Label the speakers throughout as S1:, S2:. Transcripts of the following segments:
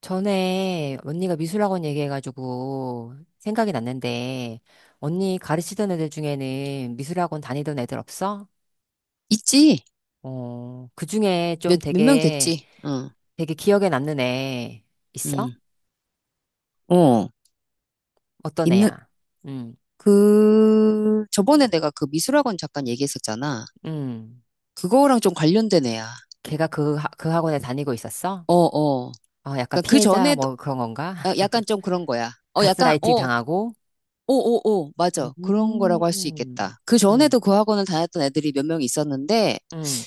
S1: 전에 언니가 미술학원 얘기해가지고 생각이 났는데, 언니 가르치던 애들 중에는 미술학원 다니던 애들 없어?
S2: 있지.
S1: 어, 그 중에 좀
S2: 몇 명
S1: 되게,
S2: 됐지. 응,
S1: 되게 기억에 남는 애 있어?
S2: 응, 어.
S1: 어떤
S2: 있는,
S1: 애야? 응,
S2: 그, 저번에 내가 그 미술학원 잠깐 얘기했었잖아.
S1: 응.
S2: 그거랑 좀 관련된 애야.
S1: 걔가 그, 하- 그 학원에 다니고 있었어?
S2: 어, 어.
S1: 어, 약간
S2: 그러니까 그
S1: 피해자
S2: 전에도,
S1: 뭐 그런 건가?
S2: 아, 약간 좀 그런 거야. 어, 약간,
S1: 가스라이팅
S2: 어,
S1: 당하고?
S2: 오, 오, 오, 맞아. 그런 거라고 할 수
S1: 음,
S2: 있겠다. 그
S1: 응,
S2: 전에도 그 학원을 다녔던 애들이 몇 명 있었는데,
S1: 응.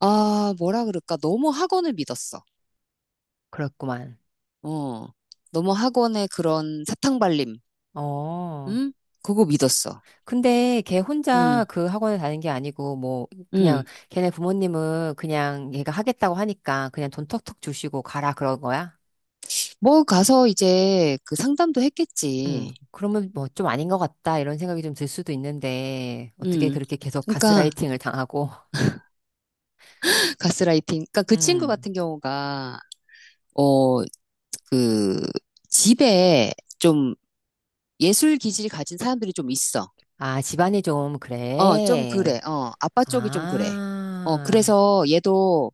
S2: 아, 뭐라 그럴까. 너무 학원을 믿었어.
S1: 그렇구만.
S2: 어. 너무 학원의 그런 사탕발림,
S1: 어.
S2: 응? 그거 믿었어.
S1: 근데 걔 혼자
S2: 응,
S1: 그 학원에 다닌 게 아니고 뭐 그냥
S2: 응.
S1: 걔네 부모님은 그냥 얘가 하겠다고 하니까 그냥 돈 턱턱 주시고 가라 그런 거야?
S2: 뭐 가서 이제 그 상담도 했겠지.
S1: 그러면 뭐 좀 아닌 것 같다 이런 생각이 좀 들 수도 있는데 어떻게
S2: 음.
S1: 그렇게 계속
S2: 그러니까
S1: 가스라이팅을 당하고.
S2: 가스라이팅. 그러니까 그 친구
S1: 음.
S2: 같은 경우가 어, 그 집에 좀 예술 기질 가진 사람들이 좀 있어.
S1: 아, 집안이 좀
S2: 어, 좀
S1: 그래.
S2: 그래. 어, 아빠 쪽이 좀 그래. 어,
S1: 아.
S2: 그래서 얘도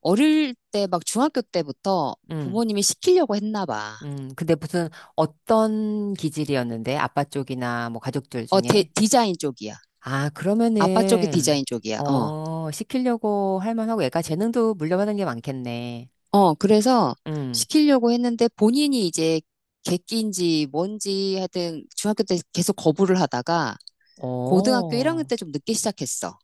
S2: 어릴 때 막 중학교 때부터
S1: 음.
S2: 부모님이 시키려고 했나 봐.
S1: 음. 근데 무슨 어떤 기질이었는데 아빠 쪽이나 뭐 가족들
S2: 어,
S1: 중에?
S2: 디자인 쪽이야.
S1: 아,
S2: 아빠 쪽이
S1: 그러면은,
S2: 디자인 쪽이야. 어.
S1: 어, 시키려고 할 만하고 애가 재능도 물려받은 게 많겠네.
S2: 어, 그래서
S1: 응.
S2: 시키려고 했는데 본인이 이제 객기인지 뭔지 하여튼 중학교 때 계속 거부를 하다가 고등학교 1학년
S1: 어,
S2: 때 좀 늦게 시작했어.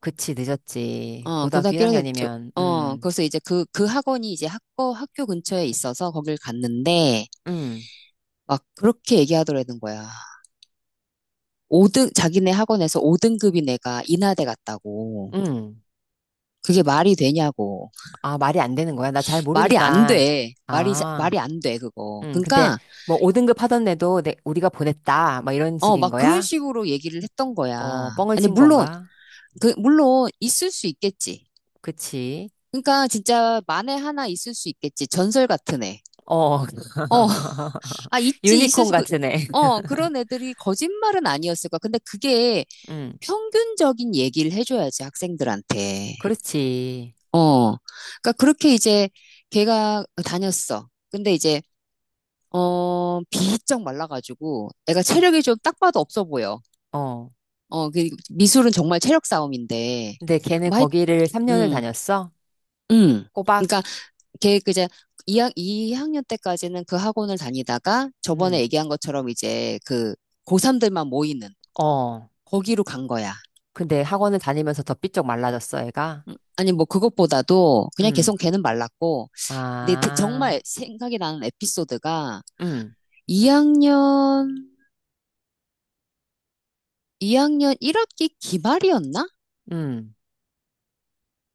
S1: 그치, 늦었지.
S2: 어,
S1: 고등학교
S2: 고등학교 1학년 때,
S1: 1학년이면,
S2: 어,
S1: 응,
S2: 그래서 이제 그, 그 학원이 이제 학교, 학교 근처에 있어서 거길 갔는데
S1: 응,
S2: 막 그렇게 얘기하더라는 거야. 오등 자기네 학원에서 5등급인 애가 인하대 갔다고.
S1: 응.
S2: 그게 말이 되냐고.
S1: 아, 말이 안 되는 거야? 나 잘
S2: 말이 안
S1: 모르니까.
S2: 돼.
S1: 아,
S2: 말이 안 돼, 그거.
S1: 응. 근데
S2: 그러니까
S1: 뭐 5등급 하던 애도 내, 우리가 보냈다. 막 이런
S2: 어,
S1: 식인
S2: 막 그런
S1: 거야?
S2: 식으로 얘기를 했던 거야.
S1: 어, 뻥을
S2: 아니,
S1: 친
S2: 물론,
S1: 건가?
S2: 그, 물론, 있을 수 있겠지.
S1: 그치.
S2: 그러니까 진짜 만에 하나 있을 수 있겠지. 전설 같은 애.
S1: 어,
S2: 어, 아, 있지, 있을
S1: 유니콘
S2: 수, 그,
S1: 같은 애.
S2: 어, 그런 애들이 거짓말은 아니었을 거야. 근데 그게
S1: 응,
S2: 평균적인 얘기를 해줘야지, 학생들한테.
S1: 그렇지.
S2: 어, 그러니까 그렇게 이제 걔가 다녔어. 근데 이제, 어, 비쩍 말라가지고 애가
S1: 어.
S2: 체력이 좀 딱 봐도 없어 보여.
S1: 어.
S2: 어, 그 미술은 정말 체력 싸움인데.
S1: 근데 걔는
S2: 뭐
S1: 거기를 3년을
S2: 음,
S1: 다녔어?
S2: 음.
S1: 꼬박?
S2: 그러니까 걔 그제 이학년 때까지는 그 학원을 다니다가 저번에
S1: 음.
S2: 얘기한 것처럼 이제 그 고3들만 모이는
S1: 어.
S2: 거기로 간 거야.
S1: 근데 학원을 다니면서 더 삐쩍 말라졌어, 애가?
S2: 아니 뭐 그것보다도 그냥
S1: 음.
S2: 계속 걔는 말랐고 근데
S1: 아.
S2: 정말 생각이 나는 에피소드가
S1: 음.
S2: 2학년 이학년 1학기 기말이었나?
S1: 음.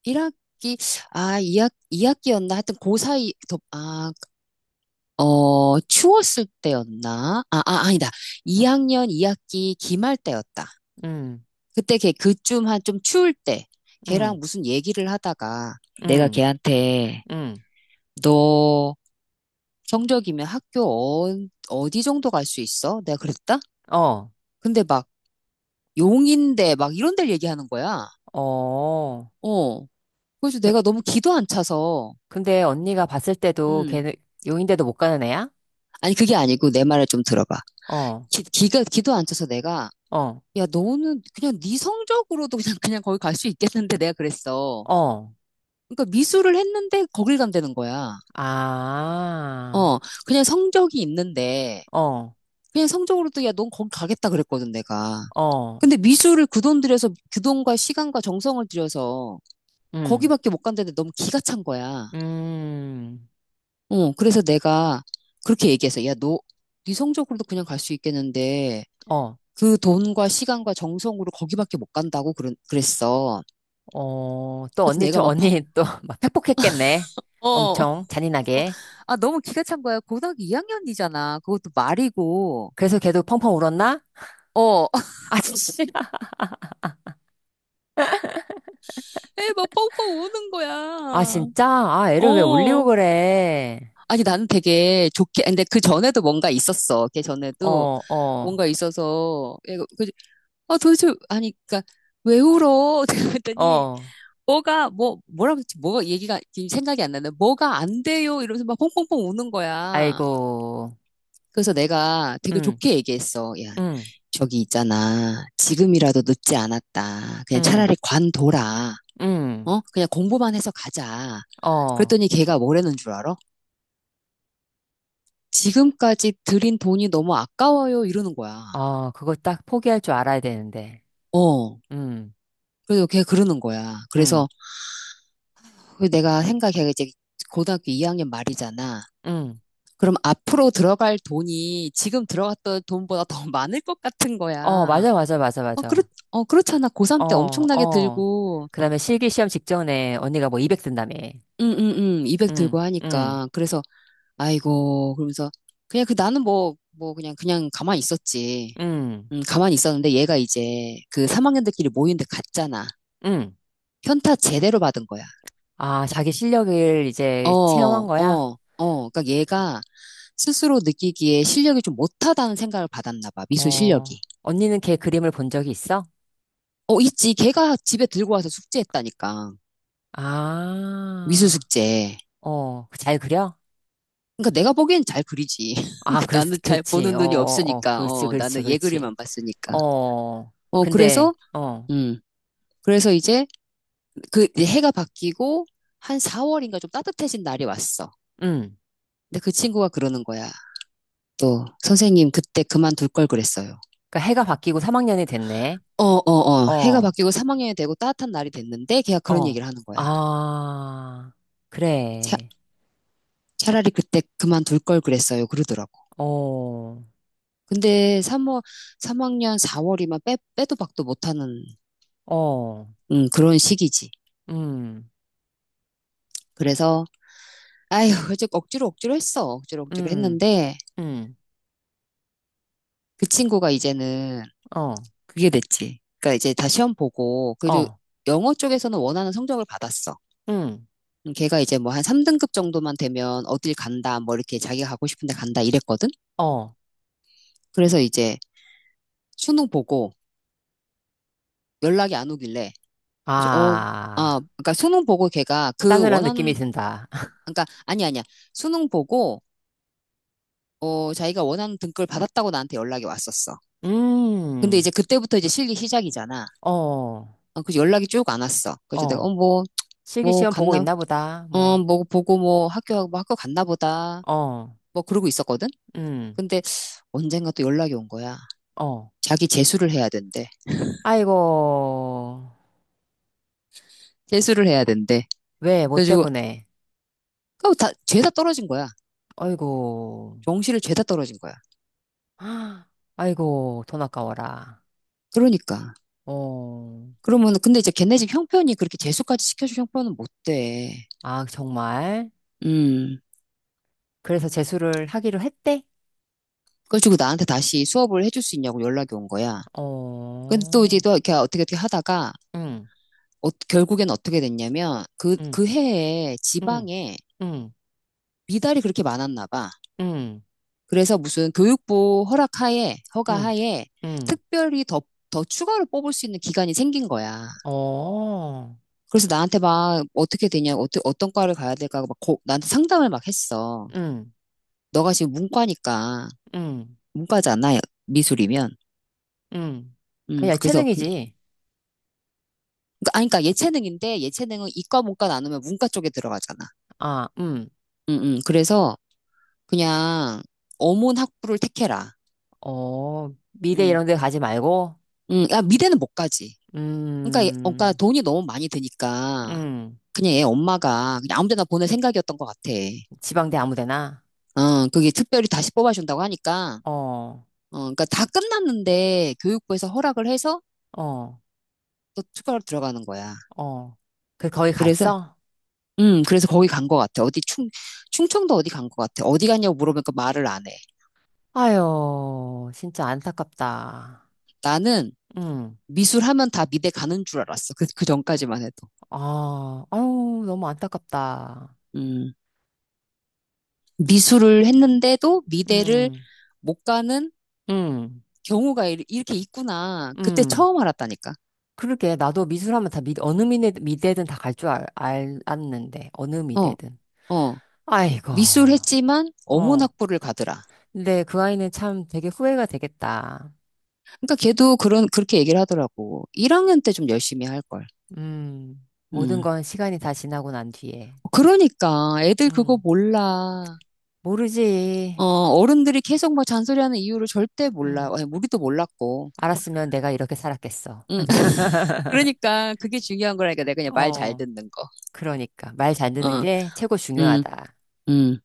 S2: 1학기 아 2학 2학기였나? 하여튼 고 사이 아 어, 추웠을 때였나? 아, 아, 아니다. 2학년 2학기 기말 때였다.
S1: 음.
S2: 그때 걔 그쯤 한 좀 추울 때 걔랑
S1: 음.
S2: 무슨 얘기를 하다가 내가
S1: 음.
S2: 걔한테
S1: 음.
S2: 너 성적이면 학교 어, 어디 정도 갈 수 있어? 내가 그랬다?
S1: 어.
S2: 근데 막 용인대 막 이런 데를 얘기하는 거야.
S1: 어.
S2: 어. 그래서
S1: 그-
S2: 내가 너무 기도 안 차서
S1: 근데 언니가 봤을 때도
S2: 음.
S1: 걔는 용인대도 못 가는 애야?
S2: 아니 그게 아니고 내 말을 좀 들어봐.
S1: 어.
S2: 기, 기가 기도 안 차서 내가
S1: 어.
S2: 야, 너는 그냥 네 성적으로도 그냥 그냥 거기 갈 수 있겠는데 내가 그랬어.
S1: 어.
S2: 그러니까 미술을 했는데 거길 간다는 거야. 어,
S1: 아.
S2: 그냥 성적이 있는데
S1: 어.
S2: 그냥 성적으로도 야, 넌 거기 가겠다 그랬거든 내가.
S1: 어.
S2: 근데 미술을 그 돈 들여서 그 돈과 시간과 정성을 들여서
S1: 음.
S2: 거기밖에 못 간다는데 너무 기가 찬 거야.
S1: 음.
S2: 어, 그래서 내가 그렇게 얘기해서 야, 너 네 성적으로도 그냥 갈 수 있겠는데
S1: 어.
S2: 그 돈과 시간과 정성으로 거기밖에 못 간다고 그랬어.
S1: 어, 또
S2: 그래서
S1: 언니,
S2: 내가
S1: 저
S2: 막
S1: 언니 또 막 팩폭했겠네.
S2: 어,
S1: 엄청 잔인하게.
S2: 아, 너무 기가 찬 거야. 고등학교 2학년이잖아. 그것도 말이고.
S1: 그래서 걔도 펑펑 울었나?
S2: 어.
S1: 아, 진짜.
S2: 에, 막 펑펑 우는
S1: 아,
S2: 거야.
S1: 진짜? 아, 애를 왜 울리고
S2: 어,
S1: 그래.
S2: 아니, 나는 되게 좋게, 근데 그 전에도 뭔가 있었어. 걔 전에도
S1: 어, 어,
S2: 뭔가 있어서, 얘가, 그, 아, 도대체, 아니, 그니까, 왜 울어? 그랬더니,
S1: 어.
S2: 뭐라고 했지? 뭐가 얘기가, 지금 생각이 안 나네. 뭐가 안 돼요? 이러면서 막 펑펑펑 우는 거야.
S1: 아이고.
S2: 그래서 내가 되게
S1: 응,
S2: 좋게 얘기했어. 야,
S1: 응,
S2: 저기 있잖아. 지금이라도 늦지 않았다. 그냥
S1: 응,
S2: 차라리 관둬라.
S1: 응.
S2: 어? 그냥 공부만 해서 가자.
S1: 어,
S2: 그랬더니 걔가 뭐라는 줄 알아? 지금까지 들인 돈이 너무 아까워요. 이러는 거야.
S1: 어. 그걸 딱 포기할 줄 알아야 되는데.
S2: 어.
S1: 응,
S2: 그래서 걔 그러는 거야.
S1: 응,
S2: 그래서 그 내가 생각해. 이제 고등학교 2학년 말이잖아.
S1: 응.
S2: 그럼 앞으로 들어갈 돈이 지금 들어갔던 돈보다 더 많을 것 같은
S1: 어,
S2: 거야.
S1: 맞아, 맞아, 맞아,
S2: 어,
S1: 맞아.
S2: 어, 그렇잖아. 고3 때
S1: 어,
S2: 엄청나게
S1: 어.
S2: 들고,
S1: 그 다음에 실기 시험 직전에 언니가 뭐 200만 든다며.
S2: 응, 응, 응, 200
S1: 응,
S2: 들고
S1: 응,
S2: 하니까. 그래서 아이고, 그러면서 그냥 그 나는 뭐, 뭐 그냥 그냥 가만히 있었지.
S1: 응.
S2: 가만히 있었는데 얘가 이제 그 3학년들끼리 모이는데 갔잖아.
S1: 응.
S2: 현타 제대로 받은 거야.
S1: 아, 자기 실력을 이제
S2: 어,
S1: 체험한 거야?
S2: 어, 어. 그러니까 얘가 스스로 느끼기에 실력이 좀 못하다는 생각을 받았나 봐. 미술
S1: 어,
S2: 실력이.
S1: 언니는 걔 그림을 본 적이 있어?
S2: 어, 있지. 걔가 집에 들고 와서 숙제했다니까. 미술
S1: 아,
S2: 숙제.
S1: 어, 잘 그려?
S2: 그러니까 내가 보기엔 잘 그리지.
S1: 아,
S2: 그러니까
S1: 그렇지,
S2: 나는 잘
S1: 그렇지.
S2: 보는
S1: 어,
S2: 눈이
S1: 어, 어,
S2: 없으니까.
S1: 그렇지,
S2: 어,
S1: 그렇지,
S2: 나는 얘
S1: 그렇지.
S2: 그림만 봤으니까.
S1: 어,
S2: 어,
S1: 근데,
S2: 그래서
S1: 어,
S2: 음. 그래서 이제 그 이제 해가 바뀌고 한 4월인가 좀 따뜻해진 날이 왔어.
S1: 응.
S2: 근데 그 친구가 그러는 거야. 또 선생님 그때 그만둘 걸 그랬어요.
S1: 그러니까 해가 바뀌고 3학년이 됐네.
S2: 어, 어, 어. 해가
S1: 어,
S2: 바뀌고 3학년이 되고 따뜻한 날이 됐는데 걔가 그런
S1: 어,
S2: 얘기를 하는 거야.
S1: 아,
S2: 차,
S1: 그래.
S2: 차라리 그때 그만둘 걸 그랬어요. 그러더라고.
S1: 어,
S2: 근데 3월, 학년 4월이면 빼도 박도 못하는
S1: 어,
S2: 그런 시기지.
S1: 음,
S2: 그래서 아휴, 이제 억지로 억지로 했어. 억지로 억지로
S1: 음,
S2: 했는데
S1: 음,
S2: 그 친구가 이제는
S1: 어,
S2: 그게 됐지. 그러니까 이제 다 시험 보고, 그래도
S1: 어,
S2: 영어 쪽에서는 원하는 성적을 받았어.
S1: 음,
S2: 걔가 이제 뭐 한 3등급 정도만 되면 어딜 간다, 뭐 이렇게 자기가 가고 싶은데 간다 이랬거든?
S1: 어.
S2: 그래서 이제 수능 보고 연락이 안 오길래, 그래서 어, 아,
S1: 아,
S2: 그러니까 수능 보고 걔가 그
S1: 싸늘한 느낌이
S2: 원하는,
S1: 든다.
S2: 그러니까 아니 아니야. 수능 보고, 어, 자기가 원하는 등급을 받았다고 나한테 연락이 왔었어. 근데 이제
S1: 음,
S2: 그때부터 이제 실기 시작이잖아.
S1: 어,
S2: 어, 그래서 연락이 쭉 안 왔어. 그래서 내가, 어,
S1: 어.
S2: 뭐,
S1: 실기시험 보고
S2: 갔나?
S1: 있나 보다.
S2: 어,
S1: 뭐,
S2: 뭐 보고 뭐 학교 학교 갔나 보다.
S1: 어,
S2: 뭐 그러고 있었거든.
S1: 음,
S2: 근데 언젠가 또 연락이 온 거야.
S1: 어.
S2: 자기 재수를 해야 된대.
S1: 아이고.
S2: 재수를 해야 된대.
S1: 왜, 뭐
S2: 그래가지고
S1: 때문에.
S2: 그거 다 죄다 떨어진 거야.
S1: 아이고.
S2: 정시를 죄다 떨어진 거야.
S1: 아이고, 돈 아까워라.
S2: 그러니까.
S1: 어,
S2: 그러면 근데 이제 걔네 집 형편이 그렇게 재수까지 시켜줄 형편은 못 돼.
S1: 아, 정말?
S2: 음.
S1: 그래서 재수를 하기로 했대?
S2: 그래가지고 나한테 다시 수업을 해줄 수 있냐고 연락이 온 거야. 근데 또 이제
S1: 어,
S2: 또 이렇게 어떻게 어떻게 하다가
S1: 응,
S2: 어, 결국엔 어떻게 됐냐면 그
S1: 응,
S2: 그 해에
S1: 응,
S2: 지방에
S1: 응,
S2: 미달이 그렇게 많았나 봐.
S1: 응,
S2: 그래서 무슨 교육부 허락하에,
S1: 응,
S2: 허가하에
S1: 응,
S2: 특별히 더 추가로 뽑을 수 있는 기간이 생긴 거야.
S1: 어,
S2: 그래서 나한테 막 어떻게 되냐, 어떻게, 어떤 과를 가야 될까, 막 나한테 상담을 막 했어.
S1: 응,
S2: 너가 지금 문과니까,
S1: 응.
S2: 문과잖아, 미술이면.
S1: 응. 아니야,
S2: 그래서, 그냥,
S1: 체능이지.
S2: 아니, 그러니까 예체능인데, 예체능은 이과, 문과 나누면 문과 쪽에 들어가잖아.
S1: 아,
S2: 그래서 그냥 어문 학부를 택해라.
S1: 어, 미대
S2: 음,
S1: 이런 데 가지 말고,
S2: 야, 미대는 못 가지. 그러니까, 어, 그러니까
S1: 음,
S2: 돈이 너무 많이 드니까
S1: 음.
S2: 그냥 얘 엄마가 그냥 아무 데나 보낼 생각이었던 것 같아.
S1: 지방대 아무 데나?
S2: 어, 그게 특별히 다시 뽑아준다고 하니까,
S1: 어,
S2: 어, 그러니까 다 끝났는데 교육부에서 허락을 해서
S1: 어,
S2: 또 투표로 들어가는 거야.
S1: 어. 그, 거기
S2: 그래서,
S1: 갔어?
S2: 그래서 거기 간 것 같아. 어디 충, 충청도 어디 간 것 같아. 어디 갔냐고 물어보니까 말을 안 해.
S1: 아유, 진짜 안타깝다.
S2: 나는
S1: 응.
S2: 미술 하면 다 미대 가는 줄 알았어. 그, 그 전까지만 해도.
S1: 아, 아유, 너무 안타깝다.
S2: 음, 미술을 했는데도 미대를
S1: 응,
S2: 못 가는
S1: 응,
S2: 경우가 이렇게 있구나. 그때
S1: 응.
S2: 처음 알았다니까.
S1: 그러게, 나도 미술하면 다 미, 어느 미대, 미대든 다 갈 줄 알, 알, 알았는데, 어느
S2: 어,
S1: 미대든.
S2: 어.
S1: 아이고.
S2: 미술 했지만 어문
S1: 어.
S2: 학부를 가더라.
S1: 근데 그 아이는 참 되게 후회가 되겠다.
S2: 그러니까 걔도 그런 그렇게 얘기를 하더라고. 1학년 때 좀 열심히 할 걸.
S1: 모든
S2: 음.
S1: 건 시간이 다 지나고 난 뒤에.
S2: 그러니까 애들 그거
S1: 음,
S2: 몰라. 어,
S1: 모르지.
S2: 어른들이 계속 막 잔소리하는 이유를 절대 몰라.
S1: 음,
S2: 아니, 우리도 몰랐고.
S1: 알았으면 내가 이렇게 살았겠어.
S2: 음. 그러니까 그게 중요한 거라니까 내가 그냥 말 잘
S1: 어,
S2: 듣는 거.
S1: 그러니까. 말 잘 듣는
S2: 어.
S1: 게 최고
S2: 음.
S1: 중요하다.
S2: 음.